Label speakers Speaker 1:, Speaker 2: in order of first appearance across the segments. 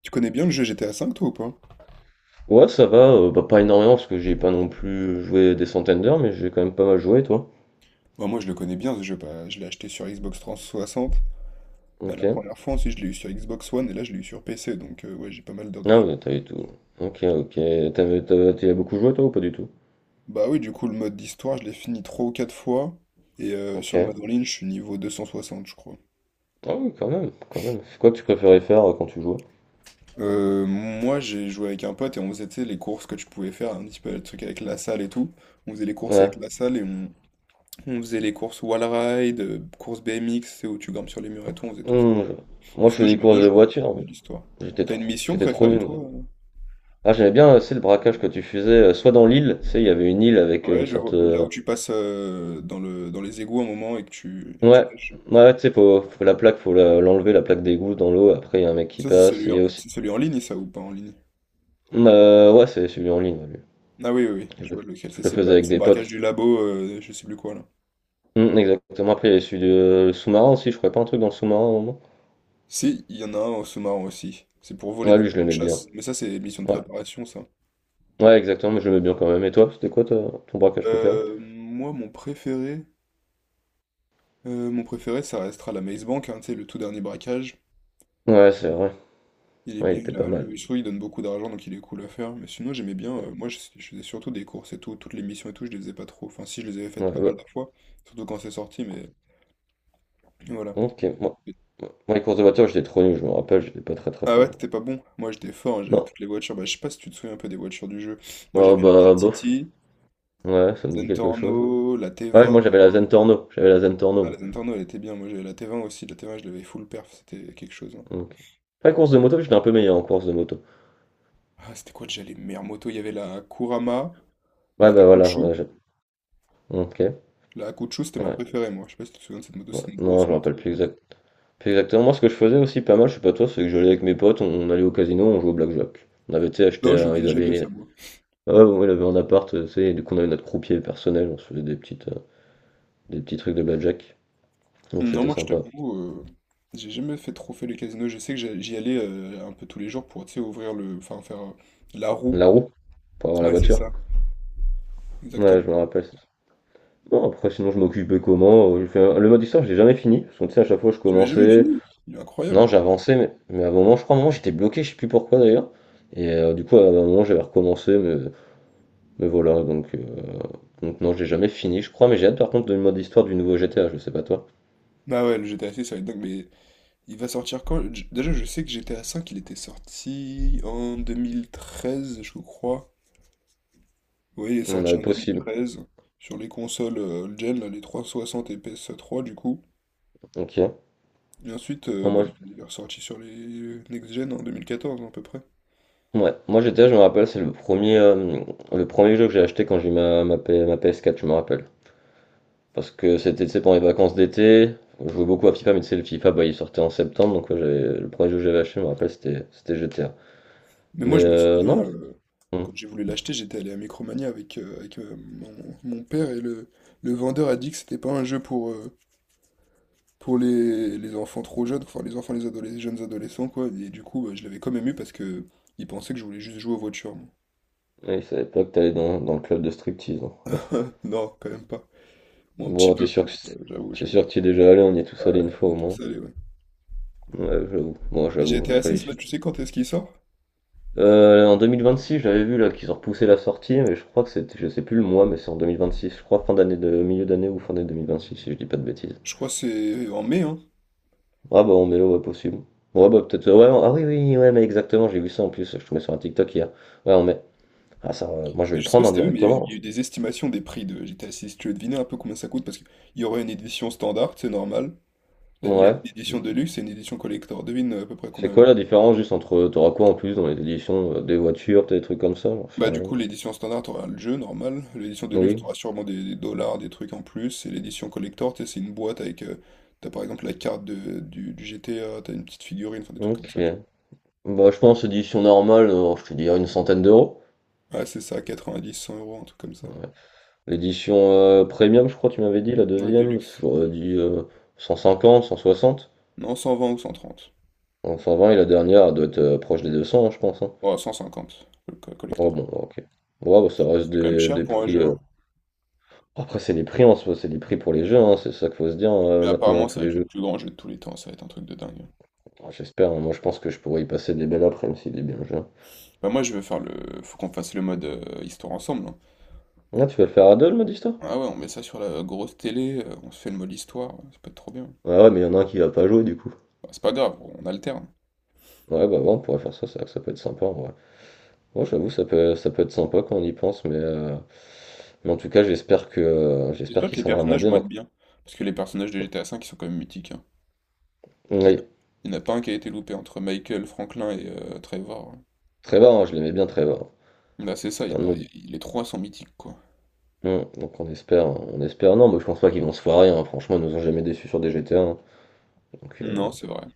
Speaker 1: Tu connais bien le jeu GTA V, toi, ou pas?
Speaker 2: Ouais, ça va, bah, pas énormément parce que j'ai pas non plus joué des centaines d'heures, mais j'ai quand même pas mal joué, toi.
Speaker 1: Bah, moi, je le connais bien, ce jeu. Bah, je l'ai acheté sur Xbox 360.
Speaker 2: Ok.
Speaker 1: La première fois, ensuite, je l'ai eu sur Xbox One, et là, je l'ai eu sur PC, donc ouais, j'ai pas mal d'heures
Speaker 2: Ah
Speaker 1: dessus.
Speaker 2: ouais, t'as eu tout. Ok, ok. T'y as beaucoup joué, toi, ou pas du tout?
Speaker 1: Bah oui, du coup, le mode d'histoire, je l'ai fini 3 ou 4 fois, et
Speaker 2: Ok.
Speaker 1: sur le mode en ligne, je suis niveau 260, je crois.
Speaker 2: Ah oui, quand même, quand même. C'est quoi que tu préférais faire quand tu jouais?
Speaker 1: Moi, j'ai joué avec un pote, et on faisait, tu sais, les courses que tu pouvais faire, un petit peu le truc avec la salle et tout. On faisait les courses avec
Speaker 2: Ouais.
Speaker 1: la salle, et on faisait les courses wall ride, courses BMX, c'est où tu grimpes sur les murs et tout, on faisait tout.
Speaker 2: Hmm,
Speaker 1: Mais
Speaker 2: Moi, je
Speaker 1: sinon,
Speaker 2: faisais des
Speaker 1: j'aimais bien
Speaker 2: courses de
Speaker 1: jouer
Speaker 2: voiture, mais
Speaker 1: l'histoire.
Speaker 2: j'étais
Speaker 1: T'as une
Speaker 2: trop,
Speaker 1: mission
Speaker 2: j'étais trop
Speaker 1: préférée,
Speaker 2: nul. moi.
Speaker 1: toi?
Speaker 2: Ah, j'aimais bien, c'est le braquage que tu faisais, soit dans l'île, tu sais, il y avait une île avec une
Speaker 1: Ouais, je
Speaker 2: sorte.
Speaker 1: vois. Là où tu passes dans les égouts un moment et que tu, et que
Speaker 2: Ouais,
Speaker 1: tu nages.
Speaker 2: ouais, tu sais, faut la plaque, l'enlever, la plaque d'égout dans l'eau, après, il y a un mec qui
Speaker 1: Ça, c'est
Speaker 2: passe,
Speaker 1: celui
Speaker 2: il y
Speaker 1: en,
Speaker 2: a aussi.
Speaker 1: c'est celui en ligne, ça, ou pas en ligne?
Speaker 2: Ouais, c'est celui en ligne, ouais, lui.
Speaker 1: Ah oui, oui, oui,
Speaker 2: Je
Speaker 1: je
Speaker 2: le
Speaker 1: vois lequel.
Speaker 2: je
Speaker 1: C'est
Speaker 2: le
Speaker 1: c'est le,
Speaker 2: faisais
Speaker 1: ba-
Speaker 2: avec
Speaker 1: c'est le
Speaker 2: des
Speaker 1: braquage
Speaker 2: potes.
Speaker 1: du labo, je sais plus quoi, là.
Speaker 2: Mm, exactement. Après, il y avait celui de le sous-marin aussi, je crois pas un truc dans le sous-marin au moment.
Speaker 1: Si, il y en a un en sous-marin aussi. C'est pour voler
Speaker 2: Ouais,
Speaker 1: des
Speaker 2: lui, je
Speaker 1: avions de
Speaker 2: l'aimais bien.
Speaker 1: chasse. Mais ça, c'est mission de
Speaker 2: Ouais.
Speaker 1: préparation, ça.
Speaker 2: Ouais, exactement, mais je l'aimais bien quand même. Et toi, c'était quoi toi, ton braquage préféré?
Speaker 1: Moi, mon préféré, ça restera la Maze Bank, hein, tu sais, le tout dernier braquage.
Speaker 2: Ouais, c'est vrai.
Speaker 1: Il est
Speaker 2: Ouais, il
Speaker 1: bien,
Speaker 2: était
Speaker 1: il
Speaker 2: pas
Speaker 1: a,
Speaker 2: mal.
Speaker 1: mais je trouve qu'il donne beaucoup d'argent, donc il est cool à faire. Mais sinon, j'aimais bien. Moi, je faisais surtout des courses et tout. Toutes les missions et tout, je les faisais pas trop. Enfin, si, je les avais
Speaker 2: Ouais,
Speaker 1: faites pas
Speaker 2: ouais.
Speaker 1: mal de fois. Surtout quand c'est sorti, mais voilà.
Speaker 2: Ok, moi. Moi, les courses de voiture, j'étais trop nul, je me rappelle, j'étais pas très très
Speaker 1: Ah ouais,
Speaker 2: fort.
Speaker 1: t'étais pas bon. Moi, j'étais fort, hein, j'avais
Speaker 2: Non.
Speaker 1: toutes les voitures. Bah, je sais pas si tu te souviens un peu des voitures du jeu. Moi,
Speaker 2: Ah
Speaker 1: j'avais la
Speaker 2: bah, bof.
Speaker 1: NTT,
Speaker 2: Ouais,
Speaker 1: la
Speaker 2: ça me dit quelque chose.
Speaker 1: Zentorno, la
Speaker 2: Ouais,
Speaker 1: T20.
Speaker 2: moi j'avais la Zentorno,
Speaker 1: Ah, la
Speaker 2: moi.
Speaker 1: Zentorno, elle était bien. Moi, j'avais la T20 aussi. La T20, je l'avais full perf. C'était quelque chose, hein.
Speaker 2: Donc. Après, course de moto, j'étais un peu meilleur en course de moto.
Speaker 1: Ah, c'était quoi déjà les meilleures motos? Il y avait la Kurama,
Speaker 2: Ouais,
Speaker 1: la
Speaker 2: bah voilà,
Speaker 1: Akuchu.
Speaker 2: ouais, ok.
Speaker 1: La Akuchu, c'était ma
Speaker 2: Ouais.
Speaker 1: préférée, moi. Je sais pas si tu te souviens de cette moto.
Speaker 2: Ouais,
Speaker 1: C'est une
Speaker 2: Non,
Speaker 1: grosse
Speaker 2: je me rappelle
Speaker 1: moto.
Speaker 2: plus, plus exactement. Moi, ce que je faisais aussi pas mal, je sais pas toi, c'est que j'allais avec mes potes, on allait au casino, on jouait au blackjack. On avait, tu sais, acheté,
Speaker 1: Non, je faisais
Speaker 2: ils
Speaker 1: jamais ça,
Speaker 2: avaient,
Speaker 1: moi.
Speaker 2: ah ouais, bon, il avait un appart, tu sais, et du coup, on avait notre croupier personnel, on se faisait des petits trucs de blackjack. Donc,
Speaker 1: Non,
Speaker 2: c'était
Speaker 1: moi, je
Speaker 2: sympa.
Speaker 1: t'avoue, j'ai jamais fait trop fait les casinos. Je sais que j'y allais un peu tous les jours pour, tu sais, ouvrir enfin, faire la roue.
Speaker 2: La roue, pour avoir la
Speaker 1: Ouais, c'est
Speaker 2: voiture.
Speaker 1: ça.
Speaker 2: Ouais,
Speaker 1: Exactement.
Speaker 2: je me rappelle. Non, après, sinon, je m'occupais comment? Le mode histoire, je l'ai jamais fini, parce que, tu sais, à chaque fois, je
Speaker 1: Tu l'as jamais
Speaker 2: commençais.
Speaker 1: fini? Il est
Speaker 2: Non,
Speaker 1: incroyable.
Speaker 2: j'avançais, mais à un moment, je crois, à un moment, j'étais bloqué, je sais plus pourquoi d'ailleurs. Et du coup, à un moment, j'avais recommencé, mais voilà, donc. Donc non, j'ai jamais fini, je crois, mais j'ai hâte par contre de mode histoire du nouveau GTA, je sais pas toi.
Speaker 1: Bah ouais, le GTA 6, ça va être dingue, mais il va sortir quand? Déjà, je sais que GTA 5, il était sorti en 2013, je crois. Oui, il est
Speaker 2: On
Speaker 1: sorti
Speaker 2: a
Speaker 1: en deux mille
Speaker 2: possible.
Speaker 1: treize sur les consoles old gen, là, les 360 et PS3, du coup.
Speaker 2: Ok.
Speaker 1: Et ensuite,
Speaker 2: Non,
Speaker 1: bah,
Speaker 2: moi,
Speaker 1: il est ressorti sur les next gen en 2014, à peu près.
Speaker 2: ouais. Moi GTA, je me rappelle, c'est le premier jeu que j'ai acheté quand j'ai eu ma PS4, je me rappelle. Parce que c'était, tu sais, pendant les vacances d'été, je jouais beaucoup à FIFA, mais tu sais, le FIFA, bah, il sortait en septembre, donc ouais, le premier jeu que j'avais acheté, je me rappelle, c'était GTA.
Speaker 1: Mais moi,
Speaker 2: Mais
Speaker 1: je me souviens,
Speaker 2: non,
Speaker 1: quand
Speaker 2: hum.
Speaker 1: j'ai voulu l'acheter, j'étais allé à Micromania avec, mon père et le vendeur a dit que c'était pas un jeu pour, les enfants trop jeunes, enfin les enfants, les jeunes adolescents, quoi. Et du coup, bah, je l'avais quand même eu parce que il pensait que je voulais juste jouer aux voitures, moi.
Speaker 2: Ouais, c'est à l'époque, t'allais dans le club de striptease, hein.
Speaker 1: Non, quand même pas. Bon, un petit
Speaker 2: Bon,
Speaker 1: peu,
Speaker 2: t'es sûr que
Speaker 1: peut-être,
Speaker 2: c'est
Speaker 1: j'avoue,
Speaker 2: c'est
Speaker 1: j'avoue.
Speaker 2: sûr que tu es déjà allé, on y est
Speaker 1: Ouais,
Speaker 2: tous allés une
Speaker 1: on
Speaker 2: fois
Speaker 1: est
Speaker 2: au moins.
Speaker 1: tous allés, ouais.
Speaker 2: Ouais, j'avoue. Moi,
Speaker 1: Et
Speaker 2: j'avoue.
Speaker 1: GTA
Speaker 2: Après,
Speaker 1: 6, là, tu sais quand est-ce qu'il sort?
Speaker 2: En six j'avais vu là qu'ils ont repoussé la sortie, mais je crois que c'était, je sais plus le mois, mais c'est en 2026, je crois fin d'année de milieu d'année ou fin d'année 2026, si je dis pas de bêtises.
Speaker 1: Je crois que c'est en mai, hein.
Speaker 2: Ah bah on est là, ouais, possible. Ouais bah peut-être, ouais, ah oui oui, ouais mais exactement, j'ai vu ça en plus, je te mets sur un TikTok hier. Ouais on met, ah ça, moi je vais
Speaker 1: Mais
Speaker 2: le
Speaker 1: je sais pas
Speaker 2: prendre hein,
Speaker 1: si t'as vu, mais il y a eu il
Speaker 2: directement.
Speaker 1: y a eu des estimations des prix de GTA 6. Tu veux deviner un peu combien ça coûte? Parce qu'il y aurait une édition standard, c'est normal. La- la-
Speaker 2: Ouais.
Speaker 1: L'édition Deluxe et une édition collector. Devine à peu près
Speaker 2: C'est
Speaker 1: combien elle
Speaker 2: quoi la
Speaker 1: coûte.
Speaker 2: différence juste entre, t'auras quoi en plus dans les éditions, des voitures, peut-être des trucs comme ça, j'en sais
Speaker 1: Bah du
Speaker 2: rien.
Speaker 1: coup, l'édition standard, t'auras le jeu, normal. L'édition de luxe
Speaker 2: Oui.
Speaker 1: t'auras sûrement des dollars, des trucs en plus. Et l'édition collector, tu sais, c'est une boîte avec, t'as par exemple la carte de, du GTA, t'as une petite figurine, enfin des trucs comme
Speaker 2: Ok.
Speaker 1: ça, tu
Speaker 2: Bah je pense édition normale, je te dirais une centaine d'euros.
Speaker 1: vois. Ouais, c'est ça, 90, 100 euros, un truc comme ça.
Speaker 2: L'édition premium, je crois, tu m'avais dit, la
Speaker 1: Ouais, de
Speaker 2: deuxième,
Speaker 1: luxe.
Speaker 2: j'aurais dit 150, 160,
Speaker 1: Non, 120 ou 130.
Speaker 2: donc 120, et la dernière elle doit être proche des 200, hein, je pense, hein.
Speaker 1: Ouais, 150, le
Speaker 2: Ouais,
Speaker 1: collector.
Speaker 2: bon, ok. Ouais, bah, ça reste
Speaker 1: C'est quand même
Speaker 2: des,
Speaker 1: cher
Speaker 2: des
Speaker 1: pour un
Speaker 2: prix.
Speaker 1: jeu, hein.
Speaker 2: Après, c'est des prix en soi, c'est des prix pour les jeux, hein, c'est ça qu'il faut se dire
Speaker 1: Mais
Speaker 2: maintenant,
Speaker 1: apparemment,
Speaker 2: tous
Speaker 1: ça va être
Speaker 2: les
Speaker 1: le
Speaker 2: jeux.
Speaker 1: plus grand jeu de tous les temps, ça va être un truc de dingue.
Speaker 2: Ah, j'espère, hein, moi je pense que je pourrais y passer des belles après, même si des belles jeux, hein.
Speaker 1: Bah moi, je veux faire faut qu'on fasse le mode histoire ensemble, hein.
Speaker 2: Ah, tu vas le faire à deux, le mode histoire?
Speaker 1: Ah ouais, on met ça sur la grosse télé, on se fait le mode histoire, ça peut être trop bien.
Speaker 2: Ouais, ouais, mais il y en a un qui va pas jouer du coup.
Speaker 1: Bah, c'est pas grave, on alterne.
Speaker 2: Ouais, bah ouais, on pourrait faire ça, c'est vrai que ça peut être sympa en. Ouais, j'avoue, ça peut être sympa quand on y pense, mais en tout cas, j'espère
Speaker 1: J'espère que
Speaker 2: qu'il
Speaker 1: les
Speaker 2: sera vraiment
Speaker 1: personnages vont
Speaker 2: bien.
Speaker 1: être bien, parce que les personnages de GTA V, ils sont quand même mythiques, hein.
Speaker 2: Oui,
Speaker 1: Il n'y en a pas un qui a été loupé entre Michael, Franklin et Trevor, hein.
Speaker 2: Trevor, hein, je l'aimais bien, Trevor.
Speaker 1: Bah c'est ça, il y
Speaker 2: Dans le
Speaker 1: en a,
Speaker 2: mobile.
Speaker 1: les trois sont mythiques, quoi.
Speaker 2: Donc on espère, on espère. Non, mais je pense pas qu'ils vont se foirer, hein. Franchement, ils nous ont jamais déçus sur des GTA, hein. Donc,
Speaker 1: Non, c'est vrai.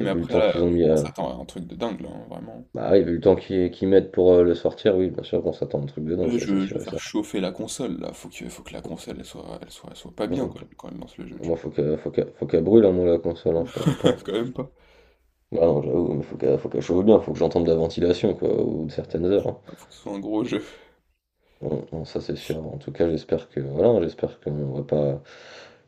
Speaker 2: et vu le
Speaker 1: après,
Speaker 2: temps
Speaker 1: là,
Speaker 2: qu'ils ont mis,
Speaker 1: on
Speaker 2: à...
Speaker 1: s'attend à un truc de dingue, là, hein, vraiment.
Speaker 2: Bah, et vu le temps qu'ils mettent pour le sortir, oui, bien sûr qu'on s'attend à un truc de dingue,
Speaker 1: Ouais,
Speaker 2: ça c'est
Speaker 1: je veux
Speaker 2: sûr et
Speaker 1: faire
Speaker 2: certain.
Speaker 1: chauffer la console là, faut que la console elle soit pas bien
Speaker 2: Non,
Speaker 1: quand
Speaker 2: bon,
Speaker 1: elle lance le jeu, tu
Speaker 2: moi faut qu'elle brûle, hein, moi la console, hein, je te mens
Speaker 1: vois.
Speaker 2: pas.
Speaker 1: Quand même pas.
Speaker 2: Bah non, j'avoue, mais faut qu'elle chauffe bien, faut que j'entende de la ventilation, quoi, ou de certaines heures, hein.
Speaker 1: Faut que ce soit un gros jeu.
Speaker 2: Non, non, ça c'est sûr. En tout cas, j'espère que voilà, j'espère qu'on va pas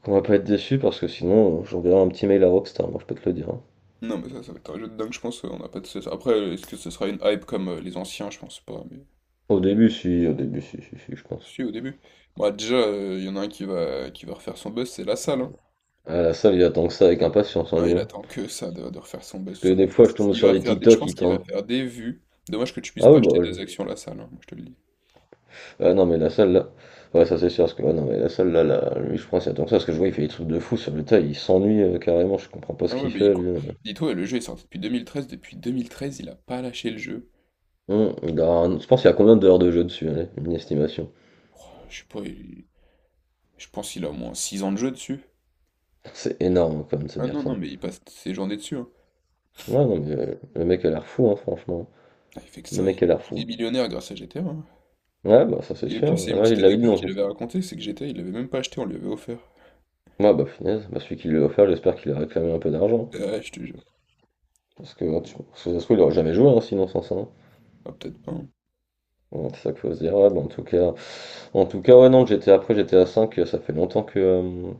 Speaker 2: qu'on va pas être déçu parce que sinon, j'enverrai un petit mail à Rockstar, moi je peux te le dire, hein.
Speaker 1: Non mais ça va être un jeu de dingue, je pense, on n'a pas de cesse. Après, est-ce que ce sera une hype comme les anciens, je pense pas, mais.
Speaker 2: Au début, si, si, si, je pense.
Speaker 1: Si au début. Moi déjà, il y en a un qui va refaire son buzz, c'est la salle, hein.
Speaker 2: À la salle, il attend que ça avec impatience, en
Speaker 1: Ah,
Speaker 2: lui,
Speaker 1: il
Speaker 2: hein.
Speaker 1: attend que ça de refaire son buzz
Speaker 2: Parce que
Speaker 1: sur le
Speaker 2: des fois, je
Speaker 1: test.
Speaker 2: tombe
Speaker 1: Il
Speaker 2: sur
Speaker 1: va
Speaker 2: des
Speaker 1: faire des. Je
Speaker 2: TikTok,
Speaker 1: pense
Speaker 2: il
Speaker 1: qu'il va
Speaker 2: tente.
Speaker 1: faire des vues. Dommage que tu puisses
Speaker 2: Ah
Speaker 1: pas
Speaker 2: oui,
Speaker 1: acheter
Speaker 2: bah,
Speaker 1: des actions la salle, hein, moi je te le dis.
Speaker 2: ah non, mais la salle là, ouais, ça c'est sûr. Parce que ouais, non, mais la salle là, là, lui, je pense, il attend que ça parce que je vois, il fait des trucs de fou sur le tas, il s'ennuie carrément. Je comprends pas ce
Speaker 1: Ah ouais
Speaker 2: qu'il
Speaker 1: mais
Speaker 2: fait, lui, hein.
Speaker 1: dis-toi, le jeu est sorti depuis 2013. Depuis 2013, il a pas lâché le jeu.
Speaker 2: Je pense qu'il y a combien d'heures de jeu dessus, allez, une estimation.
Speaker 1: Oh, je sais pas, je pense qu'il a au moins 6 ans de jeu dessus.
Speaker 2: C'est énorme quand même de se
Speaker 1: Ah
Speaker 2: dire
Speaker 1: non,
Speaker 2: ça.
Speaker 1: non, mais il passe ses journées dessus, hein.
Speaker 2: Ouais, non, mais le mec a l'air fou, hein, franchement.
Speaker 1: Ah, il fait que
Speaker 2: Le
Speaker 1: ça, il
Speaker 2: mec a l'air
Speaker 1: il
Speaker 2: fou.
Speaker 1: est millionnaire grâce à GTA, hein.
Speaker 2: Ouais, bah ça c'est
Speaker 1: Et le pire,
Speaker 2: sûr.
Speaker 1: c'est une
Speaker 2: Ouais,
Speaker 1: petite
Speaker 2: il l'avait dit
Speaker 1: anecdote
Speaker 2: dans
Speaker 1: qu'il
Speaker 2: une.
Speaker 1: avait racontée, c'est que GTA, il l'avait même pas acheté, on lui avait offert.
Speaker 2: Ouais, bah finesse. Bah, celui qui lui a offert, j'espère qu'il a réclamé un peu d'argent.
Speaker 1: Ah, ouais, je te jure.
Speaker 2: Parce que, ouais, parce que ça se trouve, il aurait jamais joué, hein, sinon sans ça, hein.
Speaker 1: Ah, peut-être pas, hein.
Speaker 2: Ouais, c'est ça qu'il faut se dire. Ouais, bah, en tout cas, ouais, non, j'étais à cinq, ça fait longtemps que, euh,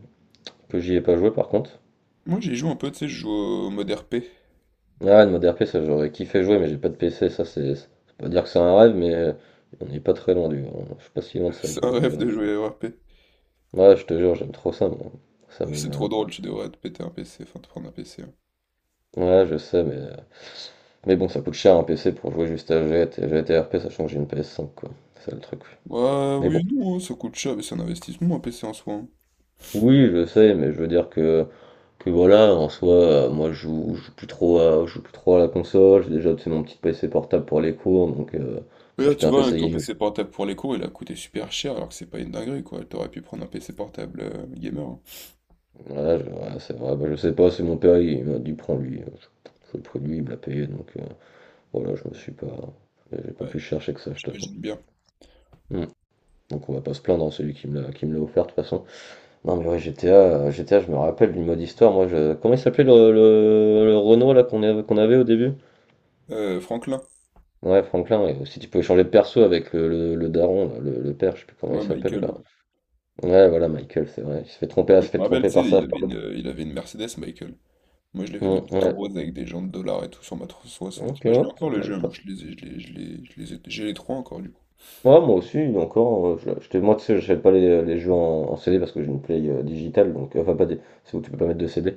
Speaker 2: que j'y ai pas joué par contre.
Speaker 1: Moi, j'y joue un peu, tu sais, je joue au mode RP.
Speaker 2: Ah, une mode RP, ça j'aurais kiffé jouer, mais j'ai pas de PC, ça c'est. C'est pas dire que c'est un rêve, mais on n'est pas très loin du. Je suis pas si loin de ça
Speaker 1: C'est un
Speaker 2: que du
Speaker 1: rêve de
Speaker 2: rêve.
Speaker 1: jouer à RP.
Speaker 2: Ouais, je te jure, j'aime trop ça, moi. Ça
Speaker 1: C'est
Speaker 2: me.
Speaker 1: trop drôle, tu devrais te péter un PC, enfin te prendre un PC, hein.
Speaker 2: Ouais, je sais, mais bon, ça coûte cher un PC pour jouer juste à GT, GTRP, sachant que j'ai une PS5, quoi. C'est ça, le truc.
Speaker 1: Ouais,
Speaker 2: Mais bon.
Speaker 1: oui, non, hein, ça coûte cher, mais c'est un investissement, un PC en soi, hein.
Speaker 2: Oui, je sais, mais je veux dire que voilà, en soi, moi, je joue plus trop à la console. J'ai déjà, tu sais, mon petit PC portable pour les cours, donc
Speaker 1: Mais là,
Speaker 2: m'acheter
Speaker 1: tu
Speaker 2: un
Speaker 1: vois, avec
Speaker 2: PC
Speaker 1: ton
Speaker 2: gaming.
Speaker 1: PC portable pour les cours, il a coûté super cher, alors que c'est pas une dinguerie, quoi. T'aurais pu prendre un PC portable gamer, hein.
Speaker 2: Voilà, ouais, c'est vrai, bah, je sais pas, c'est mon père, il m'a dit, prends lui. Je le prends lui, il me l'a payé, donc voilà, je me suis pas. J'ai pas plus
Speaker 1: Ouais,
Speaker 2: cherché que ça, je t'avoue.
Speaker 1: j'imagine bien.
Speaker 2: Hmm. Donc on va pas se plaindre, hein, celui qui me l'a offert de toute façon. Non mais ouais GTA, GTA je me rappelle du mode histoire, moi je. Comment il s'appelait le Renault là qu'on avait au début?
Speaker 1: Franklin.
Speaker 2: Ouais Franklin, ouais. Si tu pouvais changer de perso avec le daron, là, le père, je sais plus comment
Speaker 1: Ouais,
Speaker 2: il s'appelle
Speaker 1: Michael,
Speaker 2: là.
Speaker 1: ouais.
Speaker 2: Ouais voilà Michael, c'est vrai. Il se fait tromper, il
Speaker 1: Moi,
Speaker 2: se
Speaker 1: je
Speaker 2: fait
Speaker 1: me rappelle,
Speaker 2: tromper
Speaker 1: tu sais,
Speaker 2: par
Speaker 1: il
Speaker 2: ça.
Speaker 1: avait une Mercedes, Michael. Moi, je l'avais mis tout en
Speaker 2: Ouais.
Speaker 1: rose avec des jantes de dollars et tout sur ma 360.
Speaker 2: Ok,
Speaker 1: Bah, je
Speaker 2: ouais,
Speaker 1: l'ai
Speaker 2: pas
Speaker 1: encore le
Speaker 2: mal
Speaker 1: jeu, moi,
Speaker 2: ça.
Speaker 1: je les ai, je les, je les, je les ai- j'ai les trois encore, du coup.
Speaker 2: Ouais, moi aussi, encore, moi tu sais, j'achète pas les jeux en CD parce que j'ai une Play digitale, donc enfin pas des. C'est où tu peux pas mettre de CD.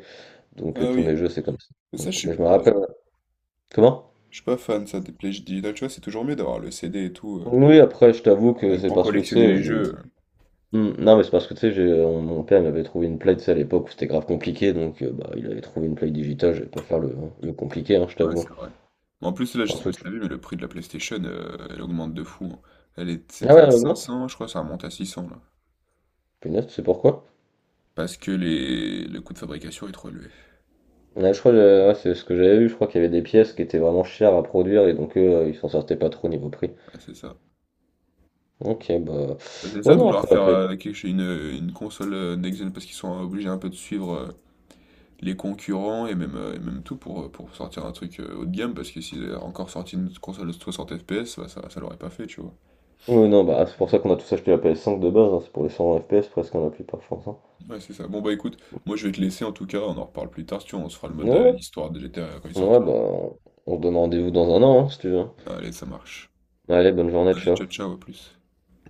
Speaker 2: Donc
Speaker 1: Ah
Speaker 2: tous
Speaker 1: oui.
Speaker 2: mes jeux c'est comme ça.
Speaker 1: Mais ça,
Speaker 2: Bon, mais je me
Speaker 1: ouais,
Speaker 2: rappelle. Ouais. Comment?
Speaker 1: je suis pas fan, ça, des plages digitales. Tu vois, c'est toujours mieux d'avoir le CD et tout.
Speaker 2: Oui, après, je t'avoue que
Speaker 1: Bah,
Speaker 2: c'est
Speaker 1: pour
Speaker 2: parce que tu
Speaker 1: collectionner
Speaker 2: sais,
Speaker 1: les
Speaker 2: j'ai.
Speaker 1: jeux.
Speaker 2: Hmm, non, mais c'est parce que tu sais, mon père il m'avait trouvé une play, tu sais, à l'époque où c'était grave compliqué, donc bah, il avait trouvé une play digitale, je vais pas faire le, hein, le compliqué, hein, je
Speaker 1: Ouais,
Speaker 2: t'avoue.
Speaker 1: c'est vrai. Mais en plus, là, je
Speaker 2: Un
Speaker 1: sais pas si
Speaker 2: truc.
Speaker 1: t'as vu, mais le prix de la PlayStation, elle augmente de fou, hein. Elle est,
Speaker 2: Ah
Speaker 1: c'était
Speaker 2: ouais,
Speaker 1: à
Speaker 2: elle
Speaker 1: cinq
Speaker 2: augmente?
Speaker 1: cents je crois, ça remonte à 600 là.
Speaker 2: Punaise, tu sais pourquoi?
Speaker 1: Le coût de fabrication est trop élevé.
Speaker 2: Ouais, je crois, ouais, c'est ce que j'avais vu, je crois qu'il y avait des pièces qui étaient vraiment chères à produire et donc eux, ils s'en sortaient pas trop au niveau prix.
Speaker 1: Ah, c'est ça.
Speaker 2: Ok, bah.
Speaker 1: Bah, c'est
Speaker 2: Ouais,
Speaker 1: ça de
Speaker 2: non,
Speaker 1: vouloir
Speaker 2: après la
Speaker 1: faire
Speaker 2: PS.
Speaker 1: quelque chose, une console next gen parce qu'ils sont obligés un peu de suivre les concurrents et même tout pour sortir un truc haut de gamme parce que s'ils avaient encore sorti une console de 60 FPS, bah, ça l'aurait pas fait, tu vois.
Speaker 2: Ouais, non, bah, c'est pour ça qu'on a tous acheté la PS5 de base, hein, c'est pour les 120 FPS presque, hein, la plupart, je pense, hein.
Speaker 1: Ouais, c'est ça. Bon, bah écoute, moi je vais te laisser en tout cas, on en reparle plus tard, si tu veux, on se fera le mode
Speaker 2: Ouais,
Speaker 1: histoire de GTA quand il
Speaker 2: ouais,
Speaker 1: sortira.
Speaker 2: bah, on se donne rendez-vous dans un an, hein, si tu veux, hein.
Speaker 1: Allez, ça marche.
Speaker 2: Allez, bonne journée,
Speaker 1: Allez, ciao,
Speaker 2: ciao.
Speaker 1: ciao, à plus.